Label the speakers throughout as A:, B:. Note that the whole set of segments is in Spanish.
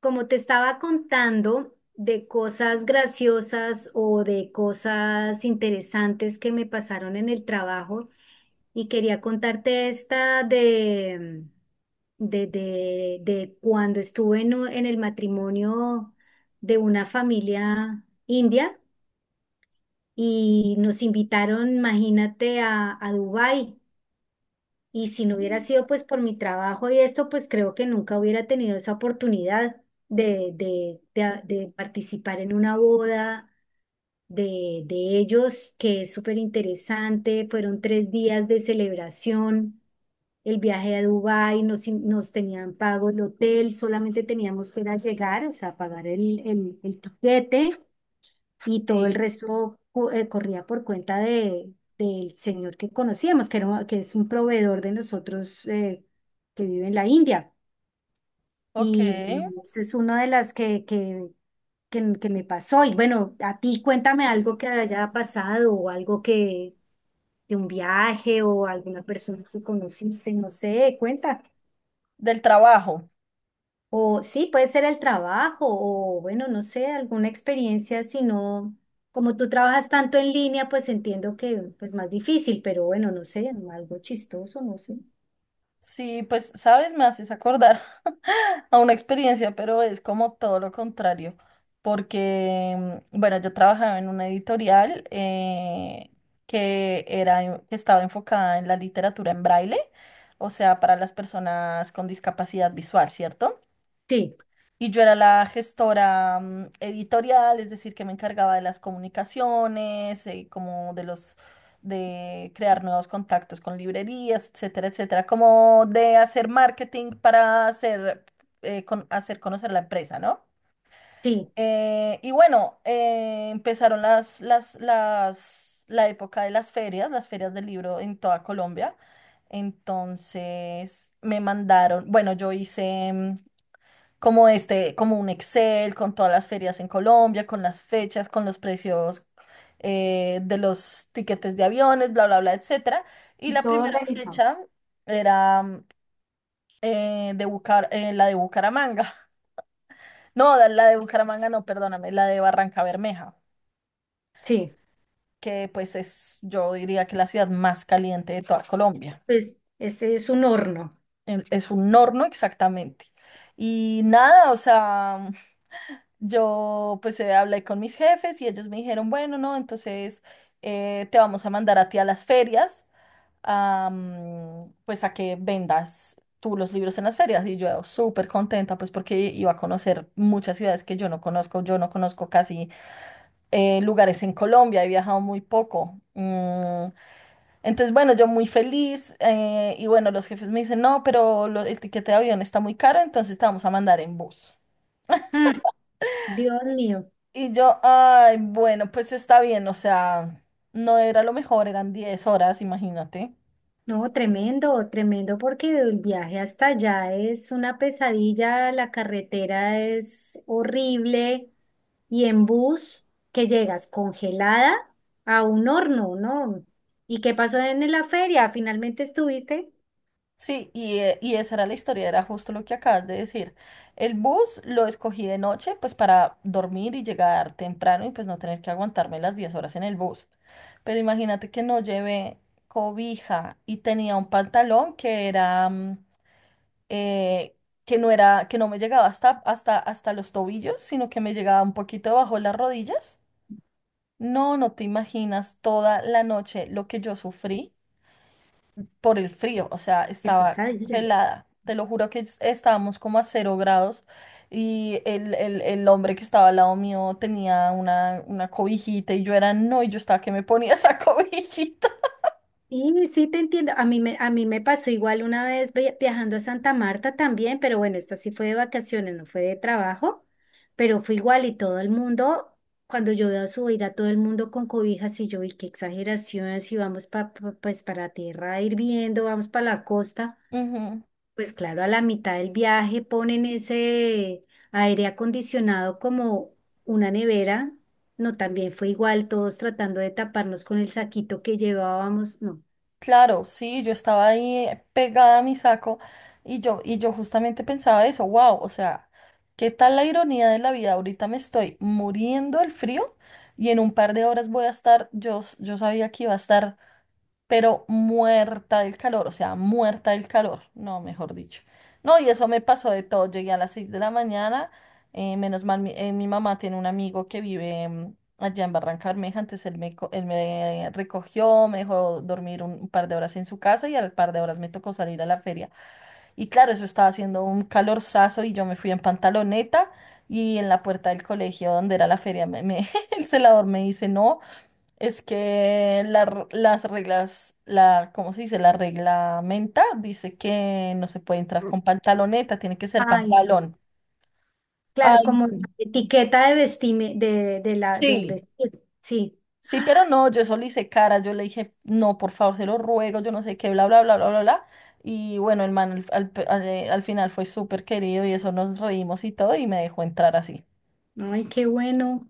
A: Como te estaba contando de cosas graciosas o de cosas interesantes que me pasaron en el trabajo y quería contarte esta de cuando estuve en, en el matrimonio de una familia india y nos invitaron, imagínate, a Dubái. Y si no hubiera sido pues por mi trabajo y esto, pues creo que nunca hubiera tenido esa oportunidad de participar en una boda de ellos, que es súper interesante. Fueron tres días de celebración, el viaje a Dubái, nos, nos tenían pago el hotel, solamente teníamos que ir a llegar, o sea, pagar el tiquete y todo el
B: Sí,
A: resto corría por cuenta de, del señor que conocíamos, que, era, que es un proveedor de nosotros que vive en la India.
B: ok.
A: Y bueno, esa es una de las que me pasó. Y bueno, a ti cuéntame algo que haya pasado o algo que de un viaje o alguna persona que conociste, no sé, cuenta.
B: Del trabajo.
A: O sí, puede ser el trabajo, o bueno, no sé, alguna experiencia, si no, como tú trabajas tanto en línea, pues entiendo que es más difícil, pero bueno, no sé, algo chistoso, no sé.
B: Sí, pues, sabes, me haces acordar a una experiencia, pero es como todo lo contrario, porque, bueno, yo trabajaba en una editorial que era, que estaba enfocada en la literatura en braille, o sea, para las personas con discapacidad visual, ¿cierto?
A: Sí,
B: Y yo era la gestora editorial, es decir, que me encargaba de las comunicaciones, como de los, de crear nuevos contactos con librerías, etcétera, etcétera, como de hacer marketing para hacer, hacer conocer la empresa, ¿no?
A: sí.
B: Y bueno, empezaron la época de las ferias del libro en toda Colombia. Entonces me mandaron, bueno, yo hice, como este, como un Excel con todas las ferias en Colombia, con las fechas, con los precios de los tiquetes de aviones, bla, bla, bla, etcétera. Y
A: Y
B: la
A: todo
B: primera
A: organizado.
B: fecha era la de Bucaramanga. No, la de Bucaramanga no, perdóname, la de Barranca Bermeja,
A: Sí,
B: que pues es, yo diría que la ciudad más caliente de toda Colombia.
A: pues ese es un horno.
B: Es un horno exactamente. Y nada, o sea, yo pues hablé con mis jefes y ellos me dijeron, bueno, no, entonces te vamos a mandar a ti a las ferias, a, pues a que vendas tú los libros en las ferias. Y yo súper contenta pues porque iba a conocer muchas ciudades que yo no conozco casi lugares en Colombia, he viajado muy poco. Entonces bueno, yo muy feliz y bueno, los jefes me dicen, no, pero el tiquete de avión está muy caro, entonces te vamos a mandar en bus.
A: Mm, Dios mío.
B: Y yo, ay, bueno, pues está bien, o sea, no era lo mejor, eran 10 horas, imagínate.
A: No, tremendo, tremendo, porque el viaje hasta allá es una pesadilla, la carretera es horrible y en bus que llegas congelada a un horno, ¿no? ¿Y qué pasó en la feria? ¿Finalmente estuviste?
B: Sí, y esa era la historia, era justo lo que acabas de decir. El bus lo escogí de noche, pues para dormir y llegar temprano y pues no tener que aguantarme las 10 horas en el bus. Pero imagínate que no llevé cobija y tenía un pantalón que era, eh, que no era, que no me llegaba hasta los tobillos, sino que me llegaba un poquito bajo las rodillas. No, no te imaginas toda la noche lo que yo sufrí por el frío, o sea,
A: Qué
B: estaba
A: pesadilla.
B: congelada. Te lo juro que estábamos como a 0 grados y el hombre que estaba al lado mío tenía una cobijita y yo era, no, y yo estaba que me ponía esa cobijita.
A: Sí, sí te entiendo. A mí me pasó igual una vez viajando a Santa Marta también, pero bueno, esta sí fue de vacaciones, no fue de trabajo, pero fue igual y todo el mundo, cuando yo veo subir a todo el mundo con cobijas y yo vi qué exageración, si vamos pues para tierra hirviendo, vamos para la costa,
B: Ujú.
A: pues claro, a la mitad del viaje ponen ese aire acondicionado como una nevera. No, también fue igual, todos tratando de taparnos con el saquito que llevábamos. No.
B: Claro, sí, yo estaba ahí pegada a mi saco y yo justamente pensaba eso, wow, o sea, ¿qué tal la ironía de la vida? Ahorita me estoy muriendo del frío y en un par de horas voy a estar, yo, yo sabía que iba a estar pero muerta del calor, o sea, muerta del calor, no, mejor dicho. No, y eso me pasó de todo, llegué a las 6 de la mañana, menos mal, mi mamá tiene un amigo que vive allá en Barranca Bermeja, entonces él me, él me recogió, me dejó dormir un par de horas en su casa y al par de horas me tocó salir a la feria. Y claro, eso estaba haciendo un calorzazo y yo me fui en pantaloneta. Y en la puerta del colegio donde era la feria, el celador me dice, no, es que las reglas, la, ¿cómo se dice? La reglamenta dice que no se puede entrar con pantaloneta, tiene que ser
A: Ay, no.
B: pantalón.
A: Claro,
B: Ay,
A: como la etiqueta de de la, del
B: sí,
A: vestir. Sí.
B: sí, pero no, yo eso le hice cara, yo le dije, no, por favor, se lo ruego, yo no sé qué, bla, bla, bla, bla, bla, bla. Y bueno, el man al final fue súper querido y eso nos reímos y todo y me dejó entrar así.
A: Ay, qué bueno,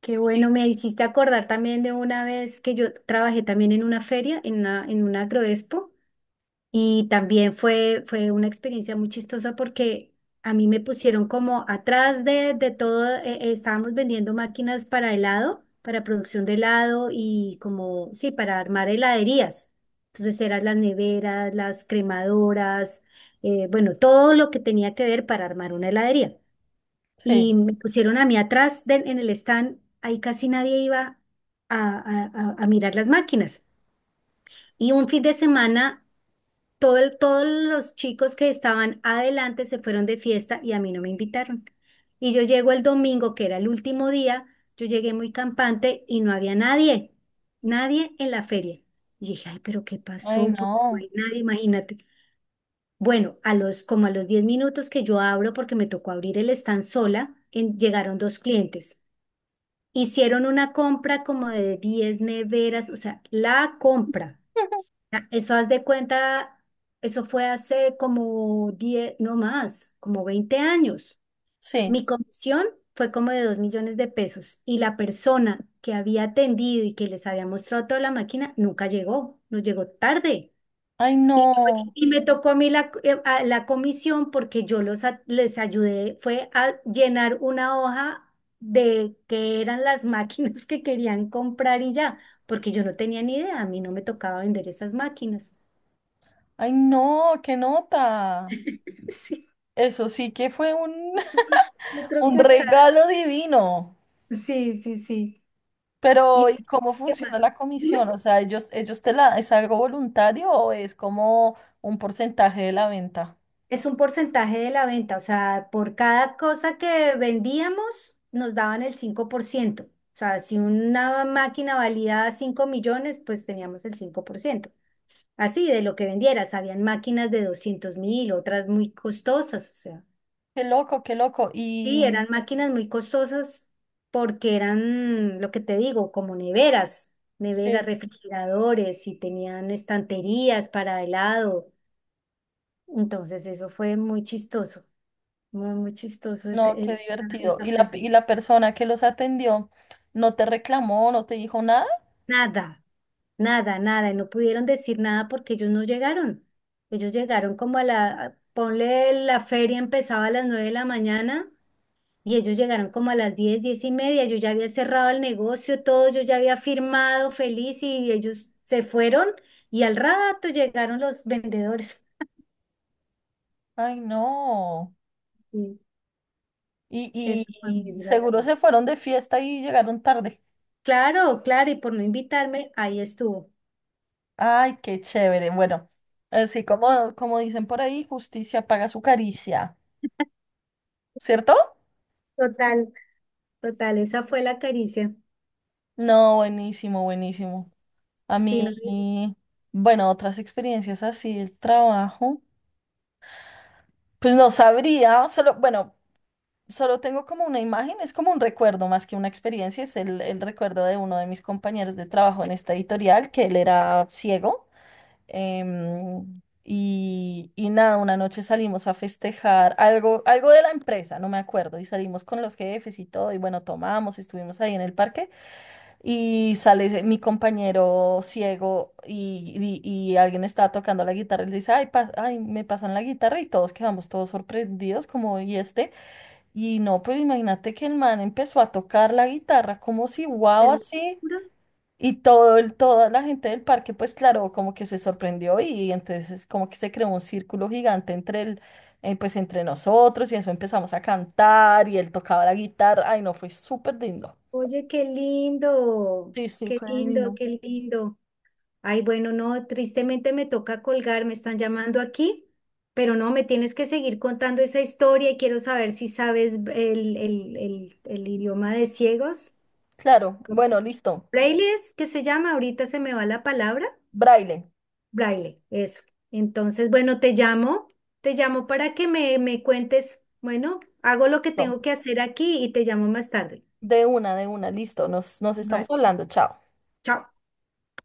A: qué bueno.
B: Sí.
A: Me hiciste acordar también de una vez que yo trabajé también en una feria, en una agroexpo. Y también fue, fue una experiencia muy chistosa porque a mí me pusieron como atrás de todo, estábamos vendiendo máquinas para helado, para producción de helado y como, sí, para armar heladerías. Entonces eran las neveras, las cremadoras, bueno, todo lo que tenía que ver para armar una heladería. Y
B: Sí.
A: me pusieron a mí atrás en el stand, ahí casi nadie iba a, a mirar las máquinas. Y un fin de semana... Todos los chicos que estaban adelante se fueron de fiesta y a mí no me invitaron. Y yo llego el domingo, que era el último día, yo llegué muy campante y no había nadie, nadie en la feria. Y dije, ay, pero ¿qué
B: Ay,
A: pasó? ¿Por qué no
B: no.
A: hay nadie? Imagínate. Bueno, a los, como a los 10 minutos que yo abro, porque me tocó abrir el stand sola, llegaron dos clientes. Hicieron una compra como de 10 neveras, o sea, la compra. Ah, eso haz de cuenta, eso fue hace como 10 no más, como 20 años.
B: Sí.
A: Mi comisión fue como de $2.000.000 y la persona que había atendido y que les había mostrado toda la máquina nunca llegó, nos llegó tarde.
B: Ay,
A: Y
B: no.
A: y me tocó a mí la comisión porque yo los, les ayudé, fue a llenar una hoja de qué eran las máquinas que querían comprar y ya, porque yo no tenía ni idea, a mí no me tocaba vender esas máquinas.
B: Ay, no, qué nota.
A: Sí,
B: Eso sí que fue un
A: otro
B: Un
A: cacharro.
B: regalo divino.
A: Sí, sí, sí. ¿Y
B: Pero, ¿y cómo
A: qué más?
B: funciona la comisión?
A: Dime.
B: O sea, ellos te la, ¿es algo voluntario o es como un porcentaje de la venta?
A: Es un porcentaje de la venta, o sea, por cada cosa que vendíamos nos daban el 5%. O sea, si una máquina valía 5.000.000, pues teníamos el 5%. Así, de lo que vendieras, habían máquinas de 200.000, otras muy costosas, o sea.
B: Qué loco, qué loco. Y
A: Sí, eran máquinas muy costosas porque eran, lo que te digo, como neveras, neveras,
B: sí,
A: refrigeradores y tenían estanterías para helado. Entonces eso fue muy chistoso, muy, muy chistoso ese,
B: no, qué divertido.
A: esta
B: ¿Y
A: feria.
B: y la persona que los atendió no te reclamó, no te dijo nada?
A: Nada, nada, nada. Y no pudieron decir nada porque ellos no llegaron. Ellos llegaron como a la, ponle la feria empezaba a las 9 de la mañana. Y ellos llegaron como a las 10, 10 y media, yo ya había cerrado el negocio, todo, yo ya había firmado feliz y ellos se fueron y al rato llegaron los vendedores.
B: Ay, no.
A: Sí, eso fue muy
B: Y seguro se
A: gracioso.
B: fueron de fiesta y llegaron tarde.
A: Claro, claro, y por no invitarme, ahí estuvo.
B: Ay, qué chévere. Bueno, así como, como dicen por ahí, justicia paga su caricia, ¿cierto?
A: Total, total, esa fue la caricia.
B: No, buenísimo, buenísimo. A
A: Sí,
B: mí,
A: no,
B: bueno, otras experiencias así, el trabajo, pues no sabría, solo, bueno, solo tengo como una imagen, es como un recuerdo más que una experiencia, es el recuerdo de uno de mis compañeros de trabajo en esta editorial, que él era ciego. Y, y nada, una noche salimos a festejar algo, algo de la empresa, no me acuerdo, y salimos con los jefes y todo, y bueno, tomamos, estuvimos ahí en el parque. Y sale mi compañero ciego y, y alguien está tocando la guitarra y le dice, ay, ay, me pasan la guitarra y todos quedamos todos sorprendidos como, ¿y este? Y no, pues imagínate que el man empezó a tocar la guitarra como si wow así
A: hermosura.
B: y todo el, toda la gente del parque pues claro, como que se sorprendió y entonces como que se creó un círculo gigante entre el, pues entre nosotros y eso empezamos a cantar y él tocaba la guitarra, ay, no, fue súper lindo.
A: Oye, qué lindo,
B: Sí, sí,
A: qué
B: fue
A: lindo,
B: divino.
A: qué lindo. Ay, bueno, no, tristemente me toca colgar, me están llamando aquí, pero no, me tienes que seguir contando esa historia y quiero saber si sabes el idioma de ciegos.
B: Claro, bueno, listo.
A: Braille es que se llama, ahorita se me va la palabra,
B: Braille.
A: braille, eso. Entonces, bueno, te llamo para que me cuentes, bueno, hago lo que
B: Listo.
A: tengo que hacer aquí y te llamo más tarde.
B: De una, listo. Nos, nos estamos
A: Vale,
B: hablando. Chao.
A: chao.